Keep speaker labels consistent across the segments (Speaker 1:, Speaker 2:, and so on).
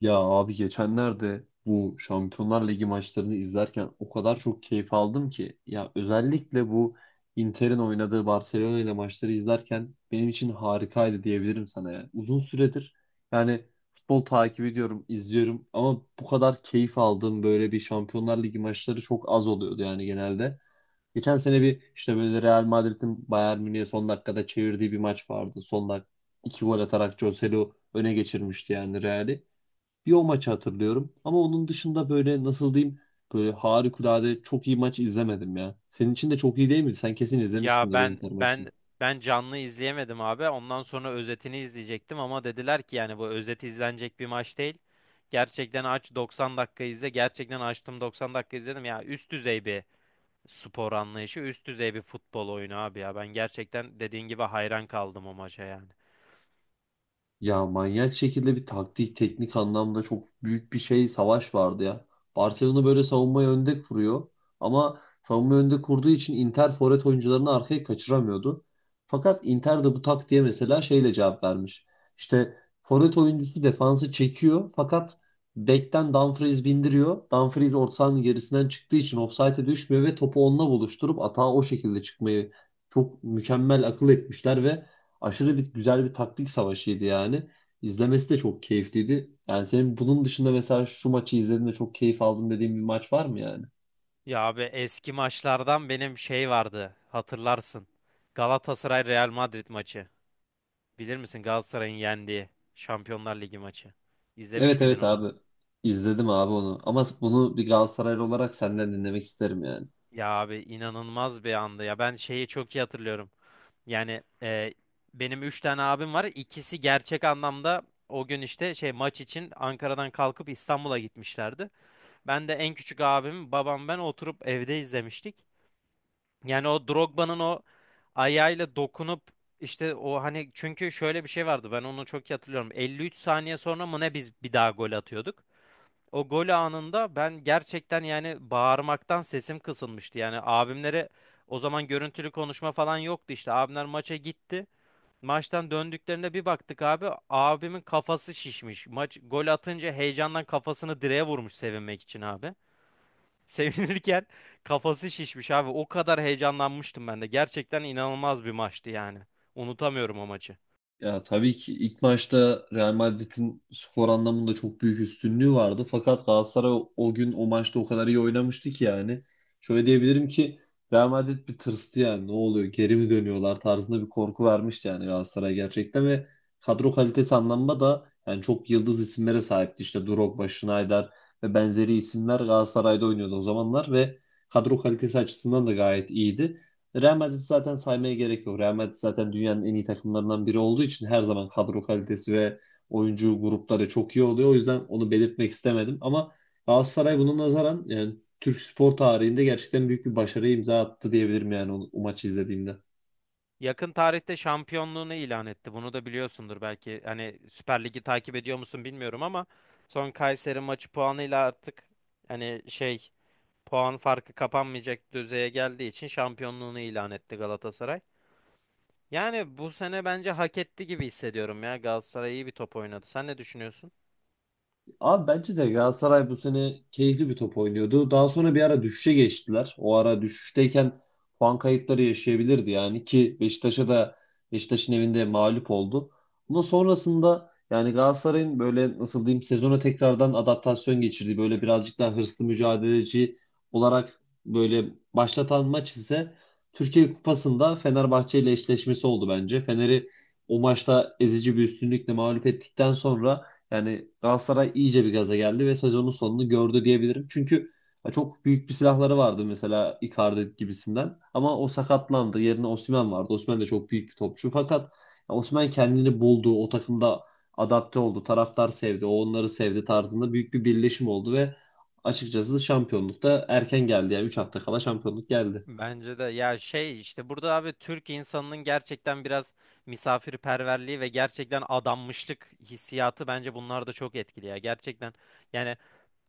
Speaker 1: Ya abi, geçenlerde bu Şampiyonlar Ligi maçlarını izlerken o kadar çok keyif aldım ki ya, özellikle bu Inter'in oynadığı Barcelona ile maçları izlerken benim için harikaydı diyebilirim sana ya. Uzun süredir yani futbol takip ediyorum, izliyorum ama bu kadar keyif aldığım böyle bir Şampiyonlar Ligi maçları çok az oluyordu yani genelde. Geçen sene bir işte böyle Real Madrid'in Bayern Münih'e son dakikada çevirdiği bir maç vardı. Son dakika iki gol atarak Joselu öne geçirmişti yani Real'i. Bir o maçı hatırlıyorum. Ama onun dışında böyle, nasıl diyeyim, böyle harikulade çok iyi maç izlemedim ya. Senin için de çok iyi değil miydi? Sen kesin
Speaker 2: Ya
Speaker 1: izlemişsindir o
Speaker 2: ben
Speaker 1: Inter maçını.
Speaker 2: ben ben canlı izleyemedim abi. Ondan sonra özetini izleyecektim ama dediler ki yani bu özeti izlenecek bir maç değil. Gerçekten aç 90 dakika izle. Gerçekten açtım 90 dakika izledim. Ya üst düzey bir spor anlayışı, üst düzey bir futbol oyunu abi ya. Ben gerçekten dediğin gibi hayran kaldım o maça yani.
Speaker 1: Ya manyak şekilde bir taktik, teknik anlamda çok büyük bir şey, savaş vardı ya. Barcelona böyle savunmayı önde kuruyor, ama savunmayı önde kurduğu için Inter forvet oyuncularını arkaya kaçıramıyordu. Fakat Inter de bu taktiğe mesela şeyle cevap vermiş. İşte forvet oyuncusu defansı çekiyor, fakat bekten Dumfries bindiriyor. Dumfries orta sahanın gerisinden çıktığı için ofsayte düşmüyor ve topu onunla buluşturup atağa o şekilde çıkmayı çok mükemmel akıl etmişler ve aşırı bir güzel bir taktik savaşıydı yani. İzlemesi de çok keyifliydi. Yani senin bunun dışında mesela şu maçı izlediğimde çok keyif aldım dediğin bir maç var mı yani?
Speaker 2: Ya abi eski maçlardan benim şey vardı. Hatırlarsın. Galatasaray Real Madrid maçı. Bilir misin Galatasaray'ın yendiği Şampiyonlar Ligi maçı. İzlemiş
Speaker 1: Evet,
Speaker 2: miydin
Speaker 1: evet
Speaker 2: onu?
Speaker 1: abi. İzledim abi onu. Ama bunu bir Galatasaraylı olarak senden dinlemek isterim yani.
Speaker 2: Ya abi inanılmaz bir andı ya. Ben şeyi çok iyi hatırlıyorum. Yani benim 3 tane abim var. İkisi gerçek anlamda o gün işte şey maç için Ankara'dan kalkıp İstanbul'a gitmişlerdi. Ben de en küçük abim, babam ben oturup evde izlemiştik. Yani o Drogba'nın o ayağıyla dokunup işte o hani çünkü şöyle bir şey vardı. Ben onu çok iyi hatırlıyorum. 53 saniye sonra mı ne biz bir daha gol atıyorduk. O gol anında ben gerçekten yani bağırmaktan sesim kısılmıştı. Yani abimlere o zaman görüntülü konuşma falan yoktu işte. Abimler maça gitti. Maçtan döndüklerinde bir baktık abi abimin kafası şişmiş. Maç gol atınca heyecandan kafasını direğe vurmuş sevinmek için abi. Sevinirken kafası şişmiş abi. O kadar heyecanlanmıştım ben de. Gerçekten inanılmaz bir maçtı yani. Unutamıyorum o maçı.
Speaker 1: Ya tabii ki ilk maçta Real Madrid'in skor anlamında çok büyük üstünlüğü vardı. Fakat Galatasaray o gün o maçta o kadar iyi oynamıştı ki yani. Şöyle diyebilirim ki Real Madrid bir tırstı yani. Ne oluyor? Geri mi dönüyorlar tarzında bir korku vermişti yani Galatasaray gerçekten, ve kadro kalitesi anlamında da yani çok yıldız isimlere sahipti. İşte Drogba, Schneider ve benzeri isimler Galatasaray'da oynuyordu o zamanlar ve kadro kalitesi açısından da gayet iyiydi. Real Madrid zaten, saymaya gerek yok. Real Madrid zaten dünyanın en iyi takımlarından biri olduğu için her zaman kadro kalitesi ve oyuncu grupları çok iyi oluyor. O yüzden onu belirtmek istemedim. Ama Galatasaray buna nazaran yani Türk spor tarihinde gerçekten büyük bir başarı imza attı diyebilirim yani o maçı izlediğimde.
Speaker 2: Yakın tarihte şampiyonluğunu ilan etti. Bunu da biliyorsundur belki. Hani Süper Lig'i takip ediyor musun bilmiyorum ama son Kayseri maçı puanıyla artık hani şey puan farkı kapanmayacak düzeye geldiği için şampiyonluğunu ilan etti Galatasaray. Yani bu sene bence hak etti gibi hissediyorum ya. Galatasaray iyi bir top oynadı. Sen ne düşünüyorsun?
Speaker 1: Abi, bence de Galatasaray bu sene keyifli bir top oynuyordu. Daha sonra bir ara düşüşe geçtiler. O ara düşüşteyken puan kayıpları yaşayabilirdi yani, ki Beşiktaş'a da, Beşiktaş'ın evinde mağlup oldu. Ama sonrasında yani Galatasaray'ın böyle, nasıl diyeyim, sezona tekrardan adaptasyon geçirdiği, böyle birazcık daha hırslı, mücadeleci olarak böyle başlatan maç ise Türkiye Kupası'nda Fenerbahçe ile eşleşmesi oldu bence. Fener'i o maçta ezici bir üstünlükle mağlup ettikten sonra yani Galatasaray iyice bir gaza geldi ve sezonun sonunu gördü diyebilirim. Çünkü çok büyük bir silahları vardı mesela, Icardi gibisinden. Ama o sakatlandı. Yerine Osimhen vardı. Osimhen de çok büyük bir topçu. Fakat Osimhen kendini buldu. O takımda adapte oldu. Taraftar sevdi, o onları sevdi tarzında büyük bir birleşim oldu ve açıkçası şampiyonlukta erken geldi. Yani 3 hafta kala şampiyonluk geldi.
Speaker 2: Bence de ya şey işte burada abi Türk insanının gerçekten biraz misafirperverliği ve gerçekten adanmışlık hissiyatı bence bunlar da çok etkili ya. Gerçekten yani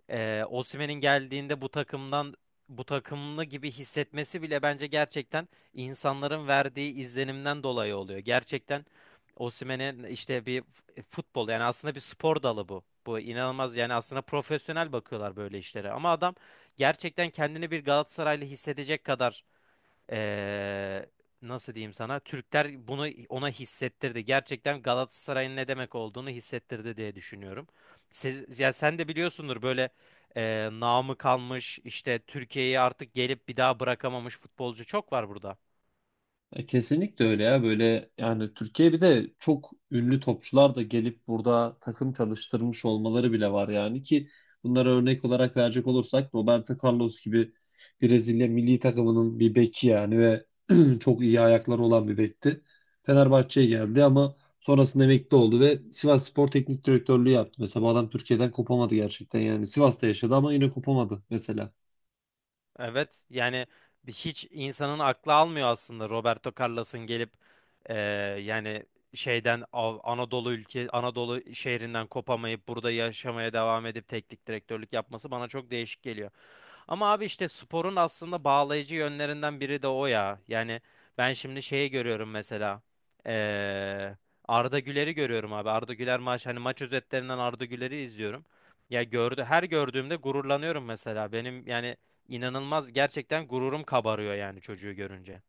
Speaker 2: Osimhen'in geldiğinde bu takımdan bu takımlı gibi hissetmesi bile bence gerçekten insanların verdiği izlenimden dolayı oluyor. Gerçekten Osimhen'in işte bir futbol yani aslında bir spor dalı bu. Bu inanılmaz yani aslında profesyonel bakıyorlar böyle işlere ama adam gerçekten kendini bir Galatasaraylı hissedecek kadar ee, nasıl diyeyim sana? Türkler bunu ona hissettirdi. Gerçekten Galatasaray'ın ne demek olduğunu hissettirdi diye düşünüyorum. Ya sen de biliyorsundur böyle namı kalmış işte Türkiye'yi artık gelip bir daha bırakamamış futbolcu çok var burada.
Speaker 1: Kesinlikle öyle ya. Böyle yani Türkiye bir de çok ünlü topçular da gelip burada takım çalıştırmış olmaları bile var yani, ki bunlara örnek olarak verecek olursak Roberto Carlos gibi, Brezilya milli takımının bir beki yani, ve çok iyi ayakları olan bir bekti. Fenerbahçe'ye geldi, ama sonrasında emekli oldu ve Sivasspor Teknik Direktörlüğü yaptı. Mesela bu adam Türkiye'den kopamadı gerçekten yani, Sivas'ta yaşadı ama yine kopamadı mesela.
Speaker 2: Evet yani hiç insanın aklı almıyor aslında Roberto Carlos'un gelip eee, yani şeyden Anadolu ülke Anadolu şehrinden kopamayıp burada yaşamaya devam edip teknik direktörlük yapması bana çok değişik geliyor. Ama abi işte sporun aslında bağlayıcı yönlerinden biri de o ya. Yani ben şimdi şeyi görüyorum mesela. eee, Arda Güler'i görüyorum abi. Arda Güler maç özetlerinden Arda Güler'i izliyorum. Ya gördü her gördüğümde gururlanıyorum mesela. Benim yani İnanılmaz gerçekten gururum kabarıyor yani çocuğu görünce.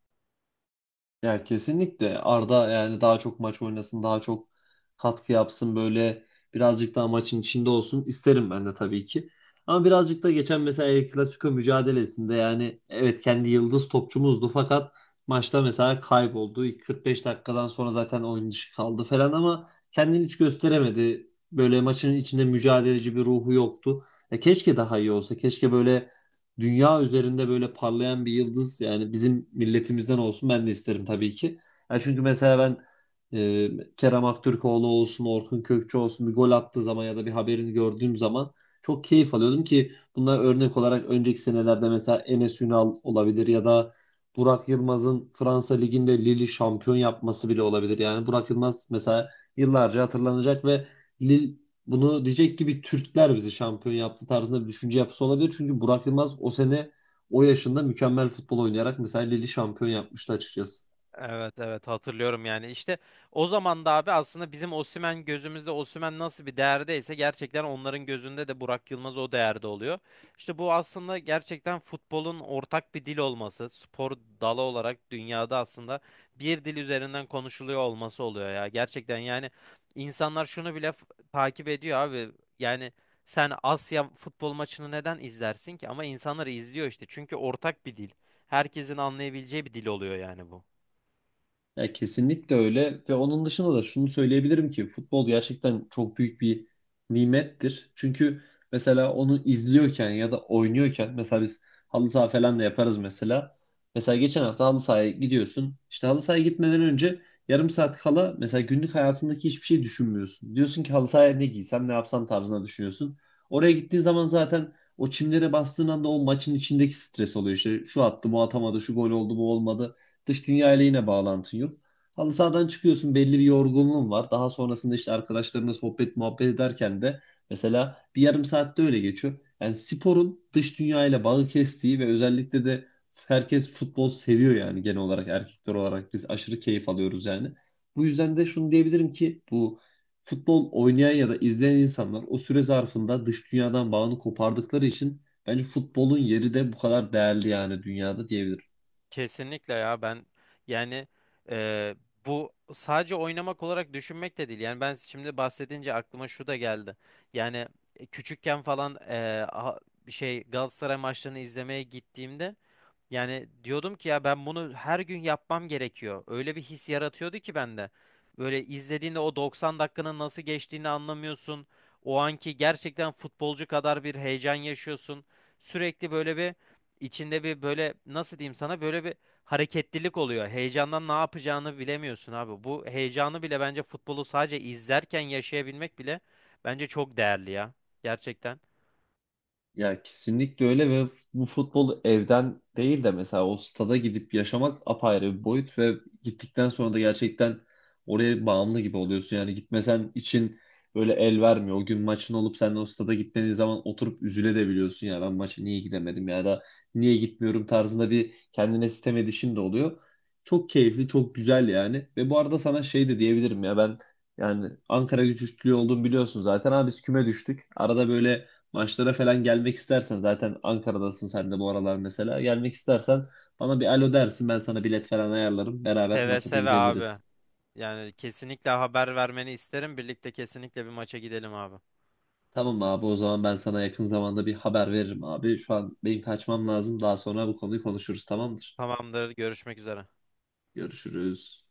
Speaker 1: Ya kesinlikle Arda yani daha çok maç oynasın, daha çok katkı yapsın, böyle birazcık daha maçın içinde olsun isterim ben de tabii ki. Ama birazcık da geçen mesela El Clasico mücadelesinde yani, evet kendi yıldız topçumuzdu fakat maçta mesela kayboldu. İlk 45 dakikadan sonra zaten oyun dışı kaldı falan, ama kendini hiç gösteremedi. Böyle maçın içinde mücadeleci bir ruhu yoktu. Ya keşke daha iyi olsa. Keşke böyle dünya üzerinde böyle parlayan bir yıldız yani bizim milletimizden olsun ben de isterim tabii ki. Yani çünkü mesela ben Kerem Aktürkoğlu olsun, Orkun Kökçü olsun bir gol attığı zaman ya da bir haberini gördüğüm zaman çok keyif alıyordum, ki bunlar, örnek olarak önceki senelerde mesela Enes Ünal olabilir, ya da Burak Yılmaz'ın Fransa Ligi'nde Lille şampiyon yapması bile olabilir. Yani Burak Yılmaz mesela yıllarca hatırlanacak ve Lille bunu diyecek gibi, Türkler bizi şampiyon yaptı tarzında bir düşünce yapısı olabilir. Çünkü Burak Yılmaz o sene o yaşında mükemmel futbol oynayarak mesela Lille'i şampiyon yapmıştı açıkçası.
Speaker 2: Evet evet hatırlıyorum yani işte o zaman da abi aslında bizim Osimhen gözümüzde Osimhen nasıl bir değerdeyse gerçekten onların gözünde de Burak Yılmaz o değerde oluyor. İşte bu aslında gerçekten futbolun ortak bir dil olması, spor dalı olarak dünyada aslında bir dil üzerinden konuşuluyor olması oluyor ya. Gerçekten yani insanlar şunu bile takip ediyor abi. Yani sen Asya futbol maçını neden izlersin ki? Ama insanlar izliyor işte çünkü ortak bir dil. Herkesin anlayabileceği bir dil oluyor yani bu.
Speaker 1: Ya kesinlikle öyle, ve onun dışında da şunu söyleyebilirim ki futbol gerçekten çok büyük bir nimettir. Çünkü mesela onu izliyorken ya da oynuyorken, mesela biz halı saha falan da yaparız mesela. Mesela geçen hafta halı sahaya gidiyorsun. İşte halı sahaya gitmeden önce, yarım saat kala mesela, günlük hayatındaki hiçbir şey düşünmüyorsun. Diyorsun ki halı sahaya ne giysem, ne yapsam tarzına düşünüyorsun. Oraya gittiğin zaman zaten o çimlere bastığın anda o maçın içindeki stres oluyor. İşte şu attı, bu atamadı, şu gol oldu, bu olmadı. Dış dünya ile yine bağlantın yok. Halı sahadan çıkıyorsun, belli bir yorgunluğun var. Daha sonrasında işte arkadaşlarınla sohbet, muhabbet ederken de mesela bir yarım saatte öyle geçiyor. Yani sporun dış dünya ile bağı kestiği, ve özellikle de herkes futbol seviyor yani, genel olarak erkekler olarak biz aşırı keyif alıyoruz yani. Bu yüzden de şunu diyebilirim ki, bu futbol oynayan ya da izleyen insanlar o süre zarfında dış dünyadan bağını kopardıkları için bence futbolun yeri de bu kadar değerli yani dünyada diyebilirim.
Speaker 2: Kesinlikle ya ben yani e, bu sadece oynamak olarak düşünmek de değil. Yani ben şimdi bahsedince aklıma şu da geldi. Yani küçükken falan a- bir şey Galatasaray maçlarını izlemeye gittiğimde yani diyordum ki ya ben bunu her gün yapmam gerekiyor. Öyle bir his yaratıyordu ki bende. Böyle izlediğinde o 90 dakikanın nasıl geçtiğini anlamıyorsun. O anki gerçekten futbolcu kadar bir heyecan yaşıyorsun. Sürekli böyle bir içinde bir böyle nasıl diyeyim sana böyle bir hareketlilik oluyor. Heyecandan ne yapacağını bilemiyorsun abi. Bu heyecanı bile bence futbolu sadece izlerken yaşayabilmek bile bence çok değerli ya. Gerçekten.
Speaker 1: Ya kesinlikle öyle, ve bu futbol evden değil de mesela o stada gidip yaşamak apayrı bir boyut, ve gittikten sonra da gerçekten oraya bağımlı gibi oluyorsun. Yani gitmesen için böyle el vermiyor. O gün maçın olup sen de o stada gitmediğin zaman oturup üzülebiliyorsun. Ya ben maça niye gidemedim, ya da niye gitmiyorum tarzında bir kendine sitem edişin de oluyor. Çok keyifli, çok güzel yani. Ve bu arada sana şey de diyebilirim, ya ben yani Ankara gücü üstlüğü olduğumu biliyorsun zaten. Abi biz küme düştük. Arada böyle maçlara falan gelmek istersen, zaten Ankara'dasın sen de bu aralar mesela. Gelmek istersen bana bir alo dersin, ben sana bilet falan ayarlarım. Beraber
Speaker 2: Seve
Speaker 1: maça da
Speaker 2: seve abi.
Speaker 1: gidebiliriz.
Speaker 2: Yani kesinlikle haber vermeni isterim. Birlikte kesinlikle bir maça gidelim abi.
Speaker 1: Tamam abi, o zaman ben sana yakın zamanda bir haber veririm abi. Şu an benim kaçmam lazım. Daha sonra bu konuyu konuşuruz, tamamdır.
Speaker 2: Tamamdır. Görüşmek üzere.
Speaker 1: Görüşürüz.